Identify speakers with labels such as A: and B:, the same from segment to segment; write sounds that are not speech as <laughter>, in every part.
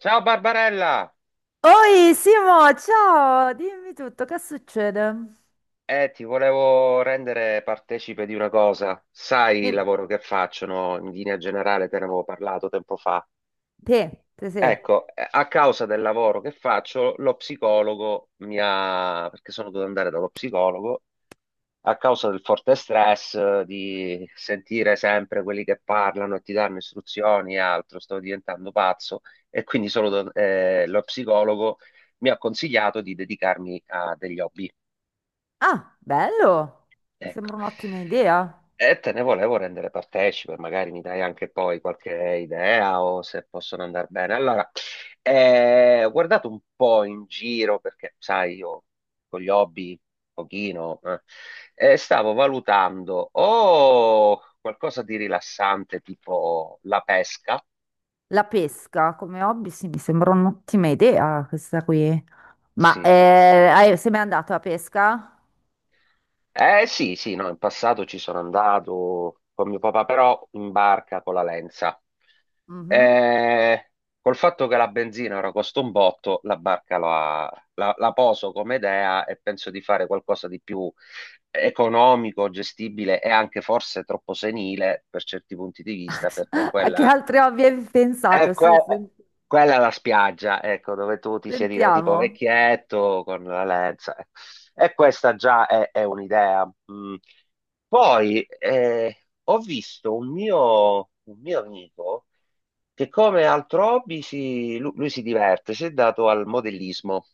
A: Ciao Barbarella!
B: Oi Simo, ciao, dimmi tutto, che succede?
A: Ti volevo rendere partecipe di una cosa. Sai il
B: Dimmi,
A: lavoro che faccio, no? In linea generale te ne avevo parlato tempo fa.
B: te, te, te.
A: Ecco, a causa del lavoro che faccio, lo psicologo mi ha... Perché sono dovuto andare dallo psicologo, a causa del forte stress, di sentire sempre quelli che parlano e ti danno istruzioni e altro, sto diventando pazzo e quindi solo, lo psicologo mi ha consigliato di dedicarmi a degli hobby.
B: Ah, bello, mi
A: Ecco.
B: sembra un'ottima idea.
A: E te ne volevo rendere partecipe, magari mi dai anche poi qualche idea o se possono andare bene. Allora, ho guardato un po' in giro perché, sai, io con gli hobby, un pochino, e stavo valutando o qualcosa di rilassante tipo la pesca.
B: La pesca come hobby, sì, mi sembra un'ottima idea questa qui. Ma
A: Sì, sì.
B: sei mai andato a pesca?
A: Eh sì, sì, no, in passato ci sono andato con mio papà, però in barca con la Lenza.
B: Mhm.
A: Eh, col fatto che la benzina ora costa un botto, la barca la poso come idea e penso di fare qualcosa di più economico, gestibile e anche forse troppo senile per certi punti di vista, perché
B: <laughs> A che
A: quella
B: altri hobby hai
A: eh,
B: pensato? Su, su,
A: que- quella è la spiaggia, ecco, dove tu ti siedi da tipo
B: sentiamo.
A: vecchietto con la lenza. E questa già è un'idea. Mm. Poi ho visto un mio amico che come altro hobby lui, si diverte, si è dato al modellismo.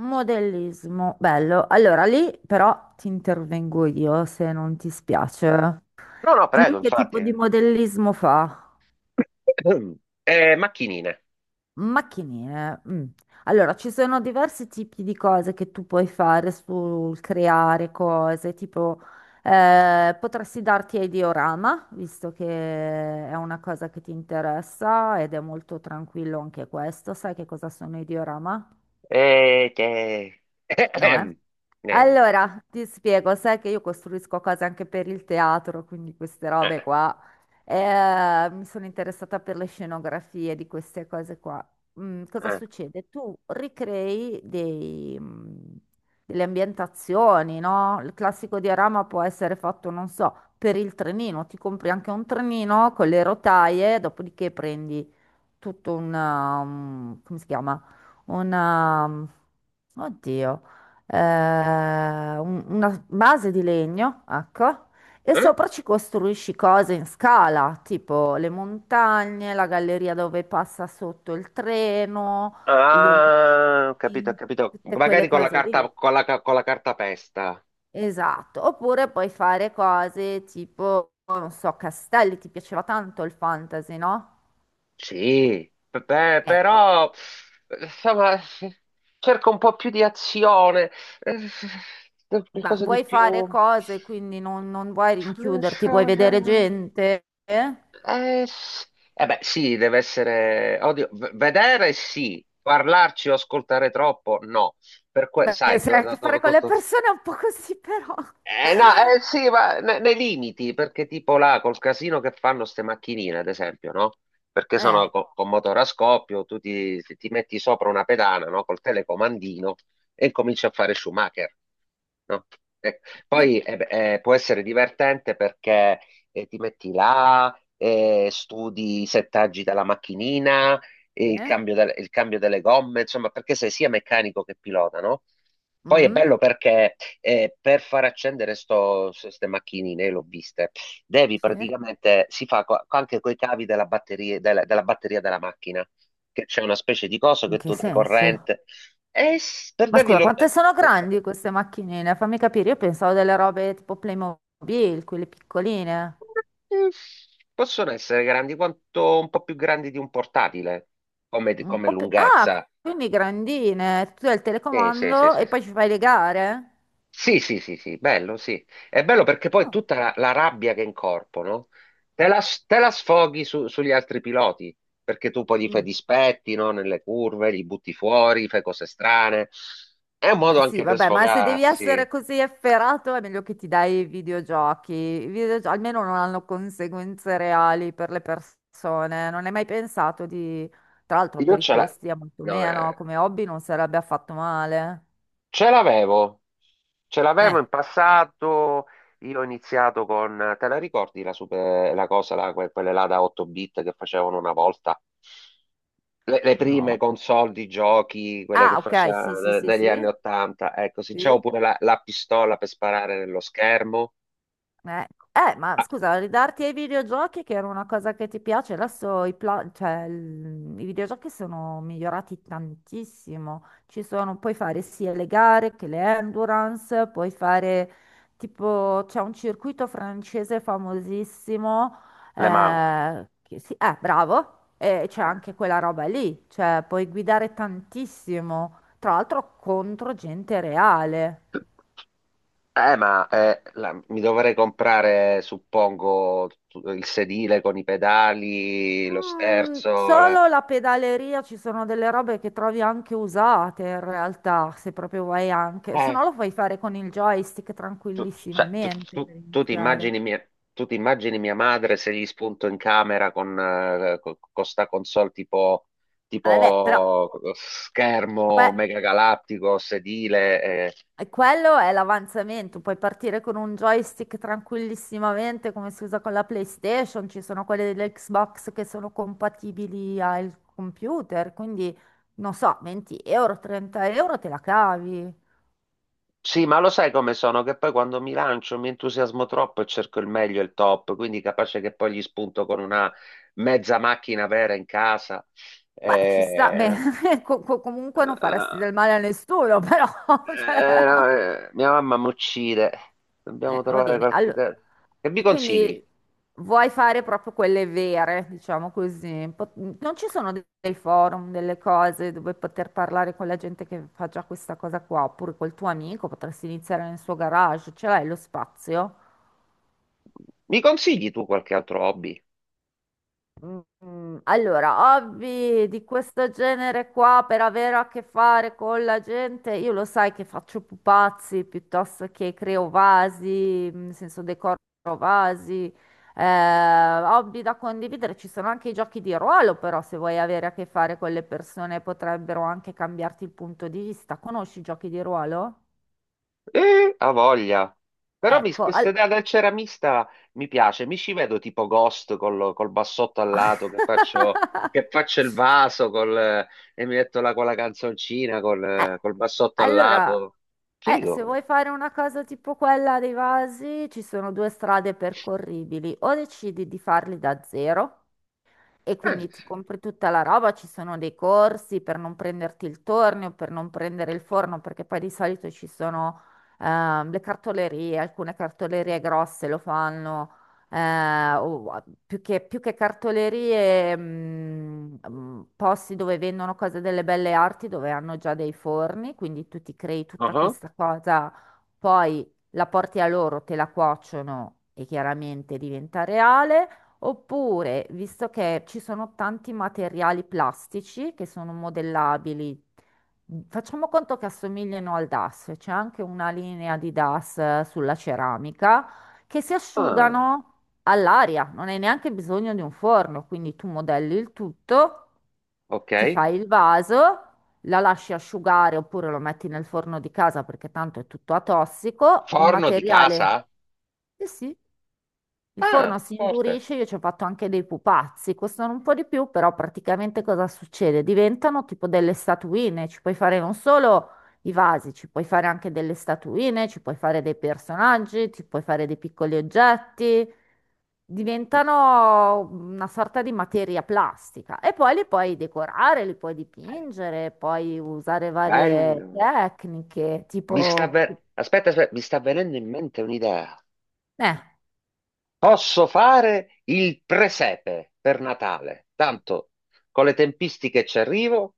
B: Modellismo, bello. Allora lì però ti intervengo io se non ti spiace.
A: No, no,
B: Lui
A: prego,
B: che tipo
A: infatti.
B: di modellismo fa?
A: <coughs> Macchinine.
B: Macchinine. Mm. Allora, ci sono diversi tipi di cose che tu puoi fare sul creare cose, tipo potresti darti ai diorama, visto che è una cosa che ti interessa ed è molto tranquillo anche questo. Sai che cosa sono i diorama?
A: Che...
B: No, eh?
A: <coughs> Eh,
B: Allora, ti spiego, sai che io costruisco cose anche per il teatro, quindi queste robe qua. Mi sono interessata per le scenografie di queste cose qua. Mm, cosa
A: eh,
B: succede? Tu ricrei delle ambientazioni, no? Il classico diorama può essere fatto, non so, per il trenino. Ti compri anche un trenino con le rotaie, dopodiché prendi tutto una, come si chiama? Una, oddio, eh, una base di legno, ecco, e
A: eh.
B: sopra ci costruisci cose in scala, tipo le montagne, la galleria dove passa sotto il treno, gli
A: Ah, ho capito, ho
B: omini,
A: capito.
B: tutte quelle
A: Magari con la
B: cose
A: carta,
B: lì.
A: con la carta pesta.
B: Esatto, oppure puoi fare cose tipo, non so, castelli, ti piaceva tanto il fantasy, no?
A: Sì, beh,
B: Ecco.
A: però, insomma, cerco un po' più di azione, eh,
B: Ma
A: qualcosa di
B: vuoi
A: più...
B: fare cose, quindi non vuoi
A: Non
B: rinchiuderti,
A: so,
B: vuoi vedere gente? Eh?
A: eh, s- eh beh, sì, deve essere... Oddio, vedere sì, parlarci o ascoltare troppo, no.
B: Beh,
A: Sai,
B: se hai a che fare con le persone è un po' così, però.
A: eh, no, sì, ma nei limiti, perché tipo là col casino che fanno ste macchinine, ad esempio, no? Perché
B: Eh,
A: sono con motore a scoppio, tu ti metti sopra una pedana, no? Col telecomandino e cominci a fare Schumacher, no? Eh,
B: quindi.
A: poi beh, può essere divertente perché ti metti là, studi i settaggi della macchinina,
B: Sì.
A: e il cambio, il cambio delle gomme, insomma, perché sei sia meccanico che pilota, no? Poi è
B: Mm,
A: bello perché e per far accendere queste macchinine, l'ho viste, devi
B: sì.
A: praticamente, si fa anche con i cavi della batteria della batteria della macchina, che c'è una specie di coso
B: In
A: che
B: che
A: tu dai
B: senso?
A: corrente, e
B: Ma scusa, quante sono grandi queste macchinine? Fammi capire, io pensavo delle robe tipo Playmobil, quelle piccoline.
A: possono essere grandi quanto un po' più grandi di un portatile, come,
B: Un
A: come
B: po' più. Ah,
A: lunghezza.
B: quindi grandine. Tu hai il
A: Sì, sì, sì,
B: telecomando
A: sì,
B: e
A: sì.
B: poi ci fai le gare?
A: Sì, sì, sì, sì, bello, sì. È bello perché poi
B: Ah,
A: tutta la rabbia che incorporano te la, te la sfoghi sugli altri piloti, perché tu poi gli fai
B: mm.
A: dispetti, no? Nelle curve, li butti fuori, fai cose strane. È un
B: Ma
A: modo
B: sì,
A: anche per
B: vabbè, ma se devi essere
A: sfogarsi.
B: così efferato è meglio che ti dai i videogiochi. Almeno non hanno conseguenze reali per le persone. Non hai mai pensato di. Tra l'altro
A: Io
B: per i
A: ce l'ho.
B: costi è molto meno, come hobby non sarebbe affatto male.
A: Ce l'avevo, ce l'avevo
B: Eh,
A: in passato. Io ho iniziato con, te la ricordi la, super- la cosa, la- que- quelle là da 8 bit che facevano una volta? Le prime
B: no.
A: console di giochi, quelle che
B: Ah, ok, sì, sì,
A: facevano
B: sì,
A: negli anni
B: sì,
A: 80. Ecco, sì, c'avevo
B: sì.
A: pure la pistola per sparare nello schermo.
B: Eh, ma
A: Ah,
B: scusa, ridarti ai videogiochi che era una cosa che ti piace, adesso cioè, i videogiochi sono migliorati tantissimo. Ci sono, puoi fare sia le gare che le endurance, puoi fare tipo, c'è un circuito francese famosissimo,
A: le mani.
B: bravo, e c'è anche quella roba lì, cioè puoi guidare tantissimo, tra l'altro contro gente reale.
A: Ma mi dovrei comprare, suppongo, il sedile con i pedali, lo
B: Mm,
A: sterzo,
B: solo la pedaleria ci sono delle robe che trovi anche usate in realtà, se proprio vuoi anche, se
A: Eh.
B: no lo puoi fare con il joystick
A: Tu, cioè,
B: tranquillissimamente per
A: tu ti
B: iniziare.
A: immagini mia, tu ti immagini mia madre se gli spunto in camera con, sta console tipo,
B: Vabbè, però
A: tipo schermo
B: que-
A: mega galattico, sedile, eh,
B: quello è l'avanzamento, puoi partire con un joystick tranquillissimamente come si usa con la PlayStation, ci sono quelle dell'Xbox che sono compatibili al computer, quindi non so, 20 euro, 30 € te la cavi.
A: Sì, ma lo sai come sono? Che poi quando mi lancio mi entusiasmo troppo e cerco il meglio e il top, quindi capace che poi gli spunto con una mezza macchina vera in casa.
B: Beh, ci sta,
A: Eh,
B: beh, <laughs> comunque non faresti
A: eh,
B: del male a nessuno, però, <laughs> cioè,
A: No, mia mamma mi uccide. Dobbiamo
B: va
A: trovare
B: bene.
A: qualche...
B: Allora,
A: Che mi consigli?
B: quindi vuoi fare proprio quelle vere, diciamo così. Non ci sono dei forum, delle cose dove poter parlare con la gente che fa già questa cosa qua, oppure col tuo amico, potresti iniziare nel suo garage, ce l'hai lo spazio?
A: Mi consigli tu qualche altro hobby?
B: Allora, hobby di questo genere qua per avere a che fare con la gente, io lo sai che faccio pupazzi piuttosto che creo vasi, nel senso decoro vasi, eh, hobby da condividere, ci sono anche i giochi di ruolo, però se vuoi avere a che fare con le persone potrebbero anche cambiarti il punto di vista. Conosci i giochi di ruolo?
A: Ha voglia. Però
B: Ecco,
A: questa idea del ceramista mi piace. Mi ci vedo tipo Ghost col, col bassotto al lato
B: <laughs>
A: che faccio il vaso col, e mi metto là con la canzoncina col,
B: Eh,
A: col bassotto al
B: allora,
A: lato.
B: se
A: Figo.
B: vuoi fare una cosa tipo quella dei vasi, ci sono due strade percorribili. O decidi di farli da zero. E
A: Eh,
B: quindi ti
A: sì.
B: compri tutta la roba, ci sono dei corsi per non prenderti il tornio, per non prendere il forno, perché poi di solito ci sono le cartolerie, alcune cartolerie grosse lo fanno, più che cartolerie, posti dove vendono cose delle belle arti, dove hanno già dei forni, quindi tu ti crei tutta
A: Uh-huh.
B: questa cosa, poi la porti a loro, te la cuociono e chiaramente diventa reale. Oppure, visto che ci sono tanti materiali plastici che sono modellabili, facciamo conto che assomigliano al DAS, c'è anche una linea di DAS sulla ceramica che si
A: Ah,
B: asciugano all'aria, non hai neanche bisogno di un forno, quindi tu modelli il tutto,
A: ok.
B: ti fai il vaso, la lasci asciugare oppure lo metti nel forno di casa perché tanto è tutto atossico, il
A: Forno di
B: materiale.
A: casa?
B: Sì, sì. Il forno
A: Ah,
B: si
A: forte.
B: indurisce, io ci ho fatto anche dei pupazzi, costano un po' di più, però praticamente cosa succede? Diventano tipo delle statuine, ci puoi fare non solo i vasi, ci puoi fare anche delle statuine, ci puoi fare dei personaggi, ci puoi fare dei piccoli oggetti, diventano una sorta di materia plastica e poi li puoi decorare, li puoi
A: Eh,
B: dipingere, puoi usare varie
A: Bello.
B: tecniche, tipo.
A: Aspetta, aspetta, mi sta venendo in mente un'idea.
B: Eh,
A: Posso fare il presepe per Natale. Tanto con le tempistiche ci arrivo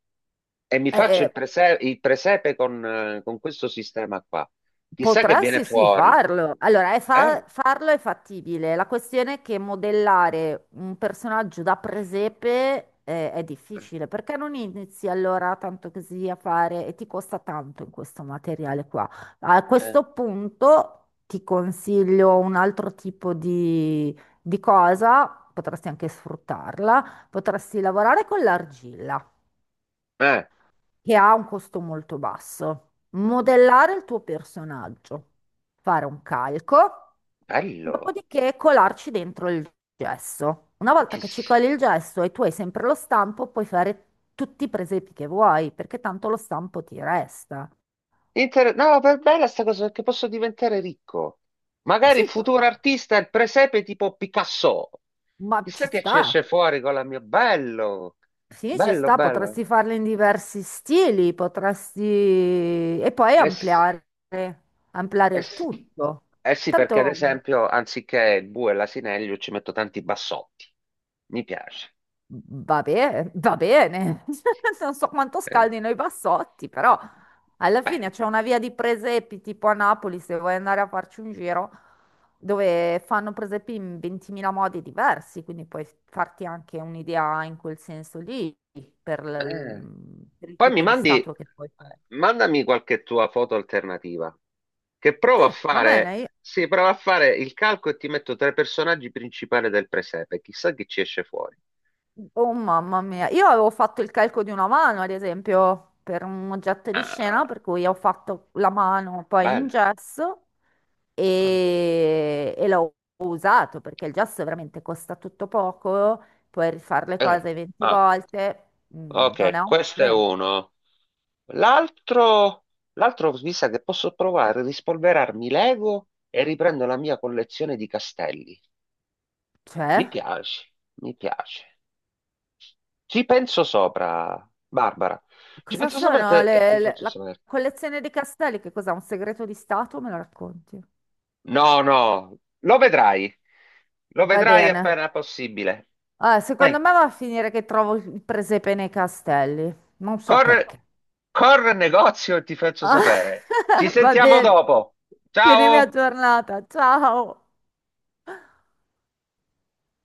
A: e mi
B: eh,
A: faccio
B: eh,
A: il presepe con questo sistema qua. Chissà che viene
B: Potresti sì sì,
A: fuori.
B: farlo. Allora, è
A: Bello.
B: farlo è fattibile. La questione è che modellare un personaggio da presepe è difficile. Perché non inizi allora tanto così a fare e ti costa tanto in questo materiale qua? A
A: Eh,
B: questo punto ti consiglio un altro tipo di cosa, potresti anche sfruttarla, potresti lavorare con l'argilla
A: eh,
B: che ha un costo molto basso. Modellare il tuo personaggio, fare un calco,
A: bello.
B: dopodiché colarci dentro il gesso. Una volta che ci
A: Chiss-
B: coli il gesso e tu hai sempre lo stampo, puoi fare tutti i presepi che vuoi, perché tanto lo stampo ti resta.
A: No, per bella sta cosa perché posso diventare ricco. Magari
B: Sì,
A: futuro artista è il presepe tipo Picasso.
B: ma
A: Chissà
B: ci
A: che ci
B: sta.
A: esce fuori con la mia. Bello,
B: Sì, ci
A: bello,
B: sta,
A: bello.
B: potresti farle in diversi stili, potresti. E poi
A: Eh sì,
B: ampliare,
A: eh
B: il
A: sì.
B: tutto.
A: Eh sì, perché ad
B: Tanto.
A: esempio, anziché il bue e l'asinello, ci metto tanti bassotti. Mi piace.
B: Va bene, va bene. <laughs> Non so quanto
A: Eh,
B: scaldino i bassotti, però alla
A: bello,
B: fine c'è
A: bello.
B: una via di presepi tipo a Napoli, se vuoi andare a farci un giro, dove fanno presepi in 20.000 modi diversi, quindi puoi farti anche un'idea in quel senso lì per,
A: Eh.
B: l- per il
A: Poi mi
B: tipo di
A: mandi,
B: statua che puoi fare.
A: mandami qualche tua foto alternativa, che
B: Sì,
A: provo a
B: va
A: fare,
B: bene.
A: sì, provo a fare il calco e ti metto tra i personaggi principali del presepe. Chissà chi ci esce fuori.
B: Oh mamma mia, io avevo fatto il calco di una mano, ad esempio, per un oggetto di scena,
A: Ah,
B: per cui ho fatto la mano poi in
A: bello.
B: gesso e l'ho usato perché il gesso veramente costa tutto poco, puoi rifare le
A: Eh,
B: cose 20
A: ah.
B: volte, non è
A: Ok,
B: un
A: questo è
B: problema.
A: uno. L'altro, l'altro mi sa che posso provare a rispolverarmi Lego e riprendo la mia collezione di castelli. Mi
B: Cioè,
A: piace, mi piace. Ci penso sopra, Barbara. Ci
B: cosa
A: penso sopra
B: sono
A: e ti faccio
B: la
A: sapere.
B: collezione di castelli? Che cos'è? Un segreto di Stato? Me lo racconti?
A: No, no, lo vedrai. Lo
B: Va
A: vedrai
B: bene.
A: appena possibile.
B: Ah, secondo
A: Vai,
B: me va a finire che trovo il presepe nei castelli, non so
A: corre,
B: perché.
A: corre al negozio e ti faccio sapere. Ci
B: <laughs> Va
A: sentiamo
B: bene.
A: dopo.
B: Tienimi
A: Ciao!
B: aggiornata. Ciao.